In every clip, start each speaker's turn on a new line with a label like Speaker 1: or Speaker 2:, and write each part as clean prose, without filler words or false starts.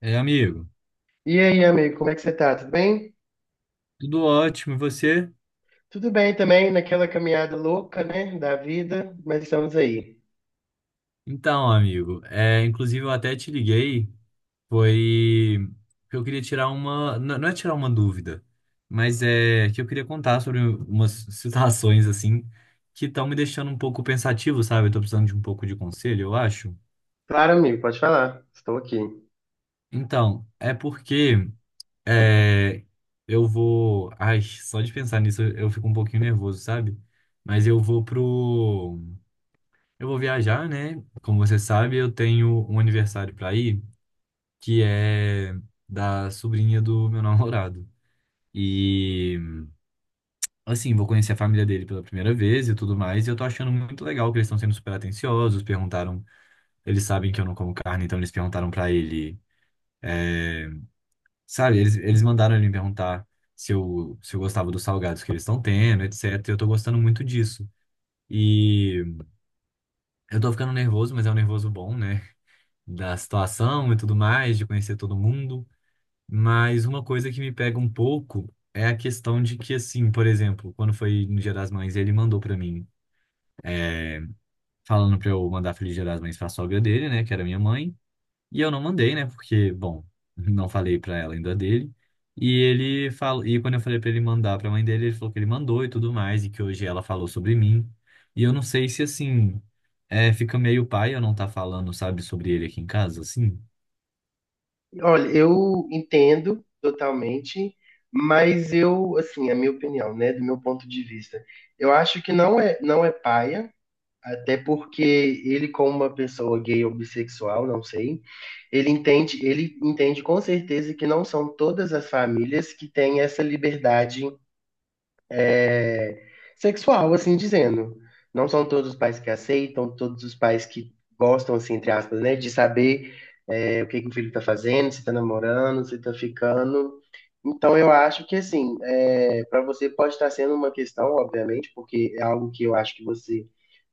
Speaker 1: É, amigo,
Speaker 2: E aí, amigo, como é que você tá? Tudo bem?
Speaker 1: tudo ótimo, e você?
Speaker 2: Tudo bem também, naquela caminhada louca, né, da vida, mas estamos aí.
Speaker 1: Então, amigo, inclusive eu até te liguei, foi que eu queria tirar uma, não é tirar uma dúvida, mas é que eu queria contar sobre umas situações assim que estão me deixando um pouco pensativo, sabe? Eu tô precisando de um pouco de conselho, eu acho.
Speaker 2: Claro, amigo, pode falar. Estou aqui.
Speaker 1: Então, é porque é, eu vou, ai, só de pensar nisso eu fico um pouquinho nervoso, sabe? Mas eu vou pro Eu vou viajar, né? Como você sabe, eu tenho um aniversário para ir, que é da sobrinha do meu namorado. E, assim, vou conhecer a família dele pela primeira vez e tudo mais. E eu tô achando muito legal que eles estão sendo super atenciosos. Perguntaram, eles sabem que eu não como carne, então eles perguntaram para ele. é, sabe, eles mandaram ele me perguntar se eu gostava dos salgados que eles estão tendo, etc. E eu tô gostando muito disso. E eu tô ficando nervoso, mas é um nervoso bom, né? Da situação e tudo mais, de conhecer todo mundo. Mas uma coisa que me pega um pouco é a questão de que, assim, por exemplo, quando foi no Dia das Mães, ele mandou pra mim, é, falando pra eu mandar Feliz Dia das Mães pra sogra dele, né, que era minha mãe. E eu não mandei, né, porque, bom, não falei pra ela ainda dele. E ele falou, e quando eu falei pra ele mandar pra mãe dele, ele falou que ele mandou e tudo mais, e que hoje ela falou sobre mim. E eu não sei se, assim, é, fica meio pai eu não tá falando, sabe, sobre ele aqui em casa, assim.
Speaker 2: Olha, eu entendo totalmente, mas eu, assim, a minha opinião, né, do meu ponto de vista, eu acho que não é, não é paia, até porque ele, como uma pessoa gay ou bissexual, não sei, ele entende com certeza que não são todas as famílias que têm essa liberdade é, sexual, assim dizendo. Não são todos os pais que aceitam, todos os pais que gostam, assim, entre aspas, né, de saber o que que o filho está fazendo, se está namorando, se está ficando. Então, eu acho que, assim, é, para você pode estar sendo uma questão, obviamente, porque é algo que eu acho que você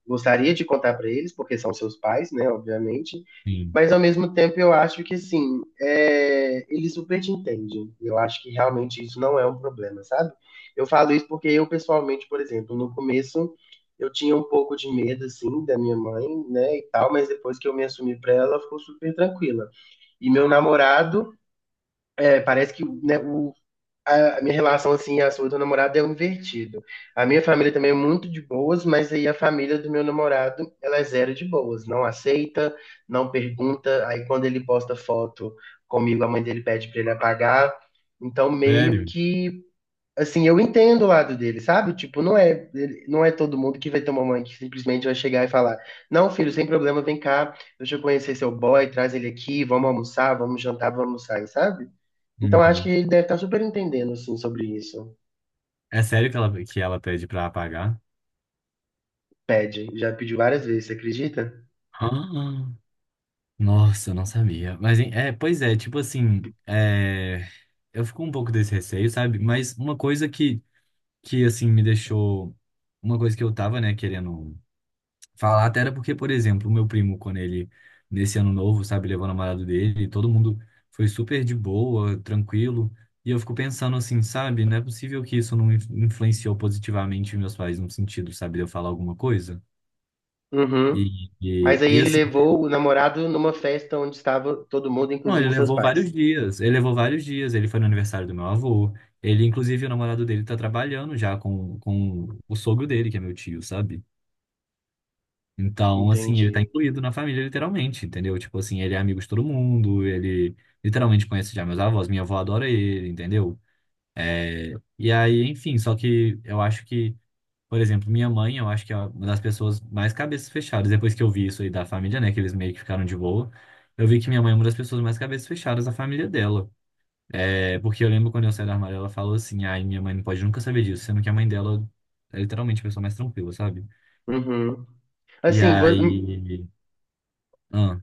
Speaker 2: gostaria de contar para eles, porque são seus pais, né, obviamente.
Speaker 1: Sim.
Speaker 2: Mas, ao mesmo tempo, eu acho que, assim, é, eles super te entendem. Eu acho que realmente isso não é um problema, sabe? Eu falo isso porque eu, pessoalmente, por exemplo, no começo eu tinha um pouco de medo, assim, da minha mãe, né, e tal, mas depois que eu me assumi pra ela, ela ficou super tranquila. E meu namorado, é, parece que né, o, a minha relação, assim, a sua do namorado é um invertido. A minha família também é muito de boas, mas aí a família do meu namorado, ela é zero de boas. Não aceita, não pergunta. Aí quando ele posta foto comigo, a mãe dele pede pra ele apagar. Então, meio
Speaker 1: Sério?
Speaker 2: que assim, eu entendo o lado dele, sabe? Tipo, não é, ele- não é todo mundo que vai ter uma mãe que simplesmente vai chegar e falar: Não, filho, sem problema, vem cá, deixa eu conhecer seu boy, traz ele aqui, vamos almoçar, vamos jantar, vamos sair, sabe? Então acho que
Speaker 1: Uhum.
Speaker 2: ele deve estar super entendendo, assim, sobre isso.
Speaker 1: É sério que ela pede pra apagar?
Speaker 2: Pede, já pediu várias vezes, você acredita?
Speaker 1: Ah, nossa, eu não sabia. Mas, hein, é, pois é, tipo assim, é, eu fico um pouco desse receio, sabe? Mas uma coisa que assim, me deixou. Uma coisa que eu tava, né, querendo falar, até era porque, por exemplo, o meu primo, quando ele, nesse ano novo, sabe, levou o namorado dele, todo mundo foi super de boa, tranquilo. E eu fico pensando assim, sabe, não é possível que isso não influenciou positivamente meus pais no sentido, sabe, de eu falar alguma coisa.
Speaker 2: Uhum. Mas aí
Speaker 1: E
Speaker 2: ele
Speaker 1: assim,
Speaker 2: levou o namorado numa festa onde estava todo mundo,
Speaker 1: não, ele
Speaker 2: inclusive seus
Speaker 1: levou
Speaker 2: pais.
Speaker 1: vários dias. Ele levou vários dias. Ele foi no aniversário do meu avô. Ele, inclusive, o namorado dele tá trabalhando já com o sogro dele, que é meu tio, sabe? Então, assim, ele tá
Speaker 2: Entendi.
Speaker 1: incluído na família, literalmente, entendeu? Tipo assim, ele é amigo de todo mundo, ele literalmente conhece já meus avós, minha avó adora ele, entendeu? E aí, enfim, só que eu acho que, por exemplo, minha mãe, eu acho que é uma das pessoas mais cabeças fechadas. Depois que eu vi isso aí da família, né? Que eles meio que ficaram de boa. Eu vi que minha mãe é uma das pessoas mais cabeças fechadas da família dela. É, porque eu lembro quando eu saí do armário, ela falou assim: ai, minha mãe não pode nunca saber disso, sendo que a mãe dela é literalmente a pessoa mais tranquila, sabe?
Speaker 2: Uhum.
Speaker 1: E
Speaker 2: Assim, vo-
Speaker 1: aí. Ah,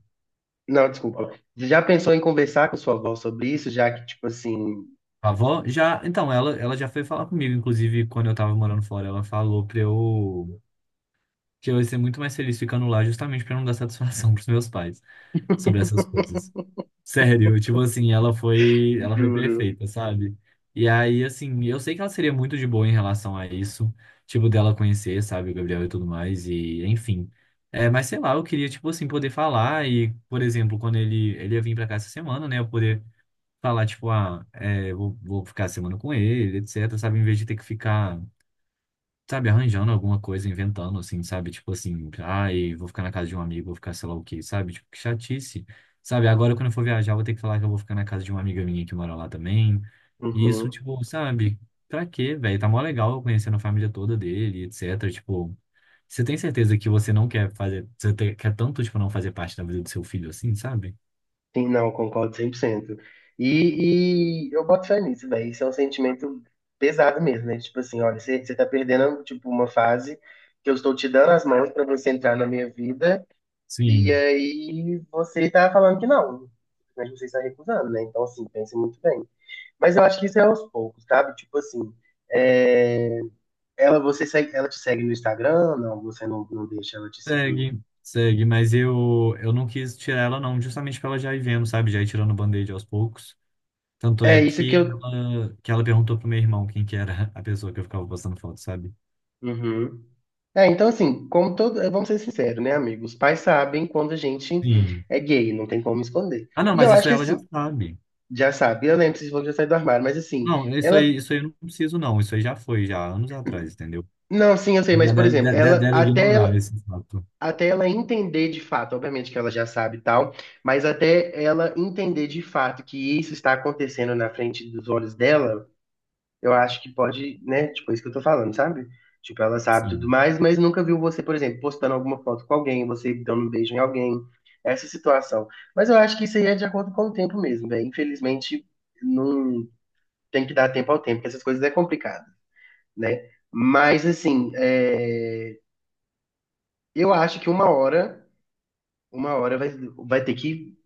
Speaker 2: não, desculpa. Já pensou em conversar com sua avó sobre isso, já que, tipo assim,
Speaker 1: a avó já. Então, ela já foi falar comigo, inclusive quando eu tava morando fora, ela falou pra eu. Que eu ia ser muito mais feliz ficando lá, justamente pra não dar satisfação pros meus pais sobre essas coisas. Sério, tipo assim, ela foi
Speaker 2: juro.
Speaker 1: perfeita, sabe? E aí, assim, eu sei que ela seria muito de boa em relação a isso, tipo, dela conhecer, sabe, o Gabriel e tudo mais, e enfim. É, mas sei lá, eu queria, tipo assim, poder falar e, por exemplo, quando ele ia vir pra cá essa semana, né, eu poder falar, tipo, ah, é, vou, vou ficar a semana com ele, etc, sabe, em vez de ter que ficar sabe, arranjando alguma coisa, inventando, assim, sabe? Tipo assim, ai, vou ficar na casa de um amigo, vou ficar sei lá o quê, sabe? Tipo, que chatice. Sabe, agora quando eu for viajar, eu vou ter que falar que eu vou ficar na casa de uma amiga minha que mora lá também. E isso,
Speaker 2: Uhum.
Speaker 1: tipo, sabe? Pra quê, velho? Tá mó legal eu conhecendo a família toda dele, etc. Tipo, você tem certeza que você não quer fazer, você quer tanto, tipo, não fazer parte da vida do seu filho assim, sabe?
Speaker 2: Sim, não, concordo 100%. E eu boto fé nisso, velho. Isso é um sentimento pesado mesmo, né? Tipo assim, olha, você tá perdendo, tipo, uma fase que eu estou te dando as mãos pra você entrar na minha vida, e
Speaker 1: Sim,
Speaker 2: aí você tá falando que não. Mas você está recusando, né? Então, assim, pense muito bem. Mas eu acho que isso é aos poucos, sabe? Tipo assim, é, ela, você segue, ela te segue no Instagram? Não, você não, não deixa ela te seguir.
Speaker 1: segue, segue, mas eu não quis tirar ela não, justamente pra ela já ir vendo, sabe? Já ir tirando o band-aid aos poucos. Tanto é
Speaker 2: É isso que eu.
Speaker 1: que ela perguntou pro meu irmão quem que era a pessoa que eu ficava postando foto, sabe?
Speaker 2: Uhum. É, então assim, como todo, vamos ser sinceros, né, amigo? Os pais sabem quando a gente
Speaker 1: Sim.
Speaker 2: é gay, não tem como esconder.
Speaker 1: Ah, não,
Speaker 2: E
Speaker 1: mas
Speaker 2: eu
Speaker 1: isso
Speaker 2: acho que
Speaker 1: ela já
Speaker 2: assim,
Speaker 1: sabe.
Speaker 2: já sabe, eu lembro se falou que já saiu do armário, mas assim,
Speaker 1: Não,
Speaker 2: ela,
Speaker 1: isso aí eu não preciso, não. Isso aí já foi, já, anos atrás, entendeu?
Speaker 2: não, sim, eu sei, mas
Speaker 1: Já
Speaker 2: por
Speaker 1: dela,
Speaker 2: exemplo, ela
Speaker 1: dela
Speaker 2: até
Speaker 1: ignorar
Speaker 2: ela,
Speaker 1: esse fato.
Speaker 2: até ela entender de fato, obviamente que ela já sabe e tal, mas até ela entender de fato que isso está acontecendo na frente dos olhos dela, eu acho que pode, né? Tipo, é isso que eu tô falando, sabe? Tipo, ela sabe tudo
Speaker 1: Sim.
Speaker 2: mais, mas nunca viu você, por exemplo, postando alguma foto com alguém, você dando um beijo em alguém, essa situação. Mas eu acho que isso aí é de acordo com o tempo mesmo, velho. Infelizmente, não tem que dar tempo ao tempo, porque essas coisas é complicado, né? Mas, assim, é, eu acho que uma hora, uma hora vai, vai ter que,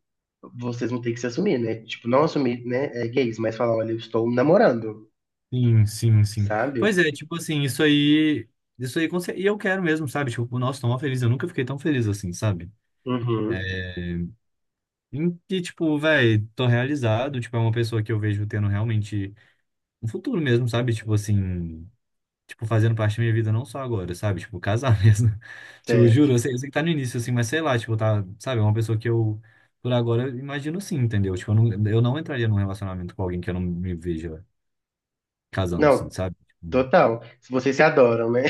Speaker 2: vocês vão ter que se assumir, né? Tipo, não assumir, né, é, gays, mas falar, olha, eu estou namorando,
Speaker 1: Sim, sim, sim.
Speaker 2: sabe?
Speaker 1: Pois é, tipo assim, isso aí. Isso aí, com e eu quero mesmo, sabe? Tipo, nossa, tô mó feliz. Eu nunca fiquei tão feliz assim, sabe?
Speaker 2: Uhum,
Speaker 1: Em que, tipo, velho, tô realizado. Tipo, é uma pessoa que eu vejo tendo realmente um futuro mesmo, sabe? Tipo assim. Tipo, fazendo parte da minha vida não só agora, sabe? Tipo, casar mesmo. Tipo,
Speaker 2: certo.
Speaker 1: juro, eu sei que tá no início, assim, mas sei lá, tipo, tá, sabe? É uma pessoa que eu, por agora, eu imagino sim, entendeu? Tipo, eu não entraria num relacionamento com alguém que eu não me veja casando, assim,
Speaker 2: Não,
Speaker 1: sabe? Tipo,
Speaker 2: total. Se vocês se adoram, né?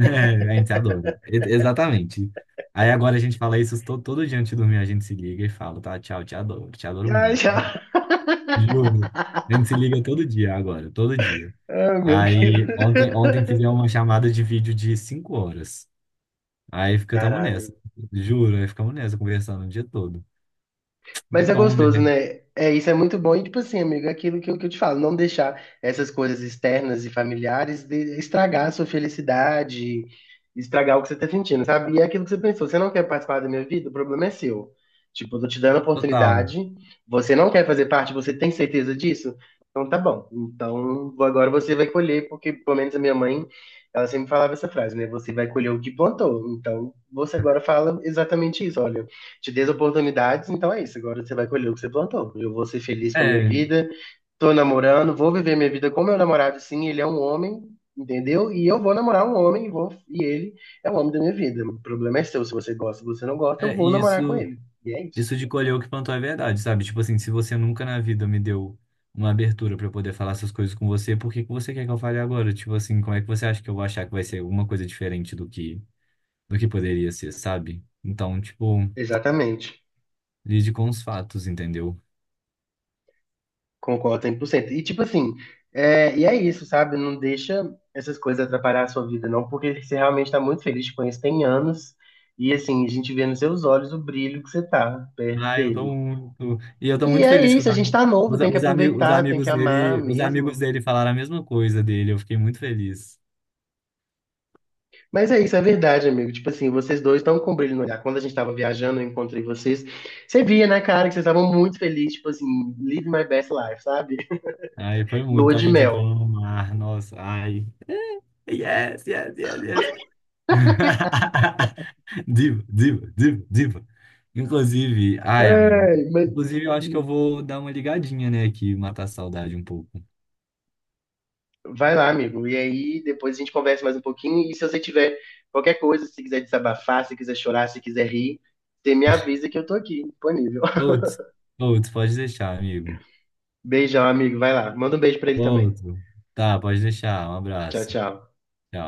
Speaker 1: é, a gente adora. Exatamente. Aí agora a gente fala isso todo, todo dia antes de dormir, a gente se liga e fala, tá, tchau, te adoro
Speaker 2: Ai,
Speaker 1: muito.
Speaker 2: já.
Speaker 1: Juro. A gente se liga todo dia agora, todo dia.
Speaker 2: Ah, meu Deus.
Speaker 1: Aí ontem, ontem fizemos uma chamada de vídeo de cinco horas. Aí ficamos nessa.
Speaker 2: Caralho.
Speaker 1: Juro, aí ficamos nessa, conversando o dia todo. É
Speaker 2: Mas é
Speaker 1: bom,
Speaker 2: gostoso,
Speaker 1: né?
Speaker 2: né? É, isso é muito bom. E, tipo assim, amigo, é aquilo que eu te falo, não deixar essas coisas externas e familiares de- estragar a sua felicidade, estragar o que você tá sentindo, sabe? E é aquilo que você pensou, você não quer participar da minha vida, o problema é seu. Tipo, eu tô te dando a
Speaker 1: Total.
Speaker 2: oportunidade, você não quer fazer parte, você tem certeza disso? Então tá bom. Então agora você vai colher, porque pelo menos a minha mãe, ela sempre falava essa frase, né? Você vai colher o que plantou. Então você agora fala exatamente isso, olha te dê as oportunidades, então é isso. Agora você vai colher o que você plantou. Eu vou ser feliz com a minha
Speaker 1: É,
Speaker 2: vida, tô namorando, vou viver minha vida com meu namorado, sim, ele é um homem, entendeu? E eu vou namorar um homem e, vou, e ele é o homem da minha vida. O problema é seu, se você gosta, se você não gosta, eu
Speaker 1: é
Speaker 2: vou namorar com
Speaker 1: isso,
Speaker 2: ele. E é isso.
Speaker 1: isso de colher o que plantou é verdade, sabe? Tipo assim, se você nunca na vida me deu uma abertura pra eu poder falar essas coisas com você, por que que você quer que eu fale agora? Tipo assim, como é que você acha que eu vou achar que vai ser alguma coisa diferente do que poderia ser, sabe? Então, tipo,
Speaker 2: Exatamente.
Speaker 1: lide com os fatos, entendeu?
Speaker 2: Concordo 100%. E tipo assim, é, e é isso, sabe? Não deixa essas coisas atrapalhar a sua vida, não, porque você realmente tá muito feliz, te conheço tem anos, e assim, a gente vê nos seus olhos o brilho que você tá perto
Speaker 1: Ah, eu
Speaker 2: dele.
Speaker 1: tô muito. E eu tô
Speaker 2: E
Speaker 1: muito
Speaker 2: é
Speaker 1: feliz que
Speaker 2: isso,
Speaker 1: os,
Speaker 2: a gente tá novo, tem que
Speaker 1: os,
Speaker 2: aproveitar, tem que amar
Speaker 1: os amigos
Speaker 2: mesmo.
Speaker 1: dele falaram a mesma coisa dele. Eu fiquei muito feliz.
Speaker 2: Mas é isso, é verdade, amigo. Tipo assim, vocês dois estão com brilho no olhar. Quando a gente tava viajando, eu encontrei vocês. Você via na cara que vocês estavam muito felizes, tipo assim, live my best life, sabe?
Speaker 1: Ai, foi
Speaker 2: Lua
Speaker 1: muito a
Speaker 2: de
Speaker 1: gente entrando
Speaker 2: mel.
Speaker 1: no mar. Nossa, ai. Yes, yes, yes, yes. Diva, diva, diva, diva. Inclusive, ai, amigo.
Speaker 2: Ai, mas...
Speaker 1: Inclusive, eu acho que eu vou dar uma ligadinha, né, aqui, matar a saudade um pouco.
Speaker 2: Vai lá, amigo. E aí, depois a gente conversa mais um pouquinho. E se você tiver qualquer coisa, se quiser desabafar, se quiser chorar, se quiser rir, você me avisa que eu tô aqui, disponível.
Speaker 1: Outros, outros, pode deixar, amigo.
Speaker 2: Beijão, amigo. Vai lá. Manda um beijo pra ele também.
Speaker 1: Outro. Tá, pode deixar. Um
Speaker 2: Tchau,
Speaker 1: abraço.
Speaker 2: tchau.
Speaker 1: Tchau.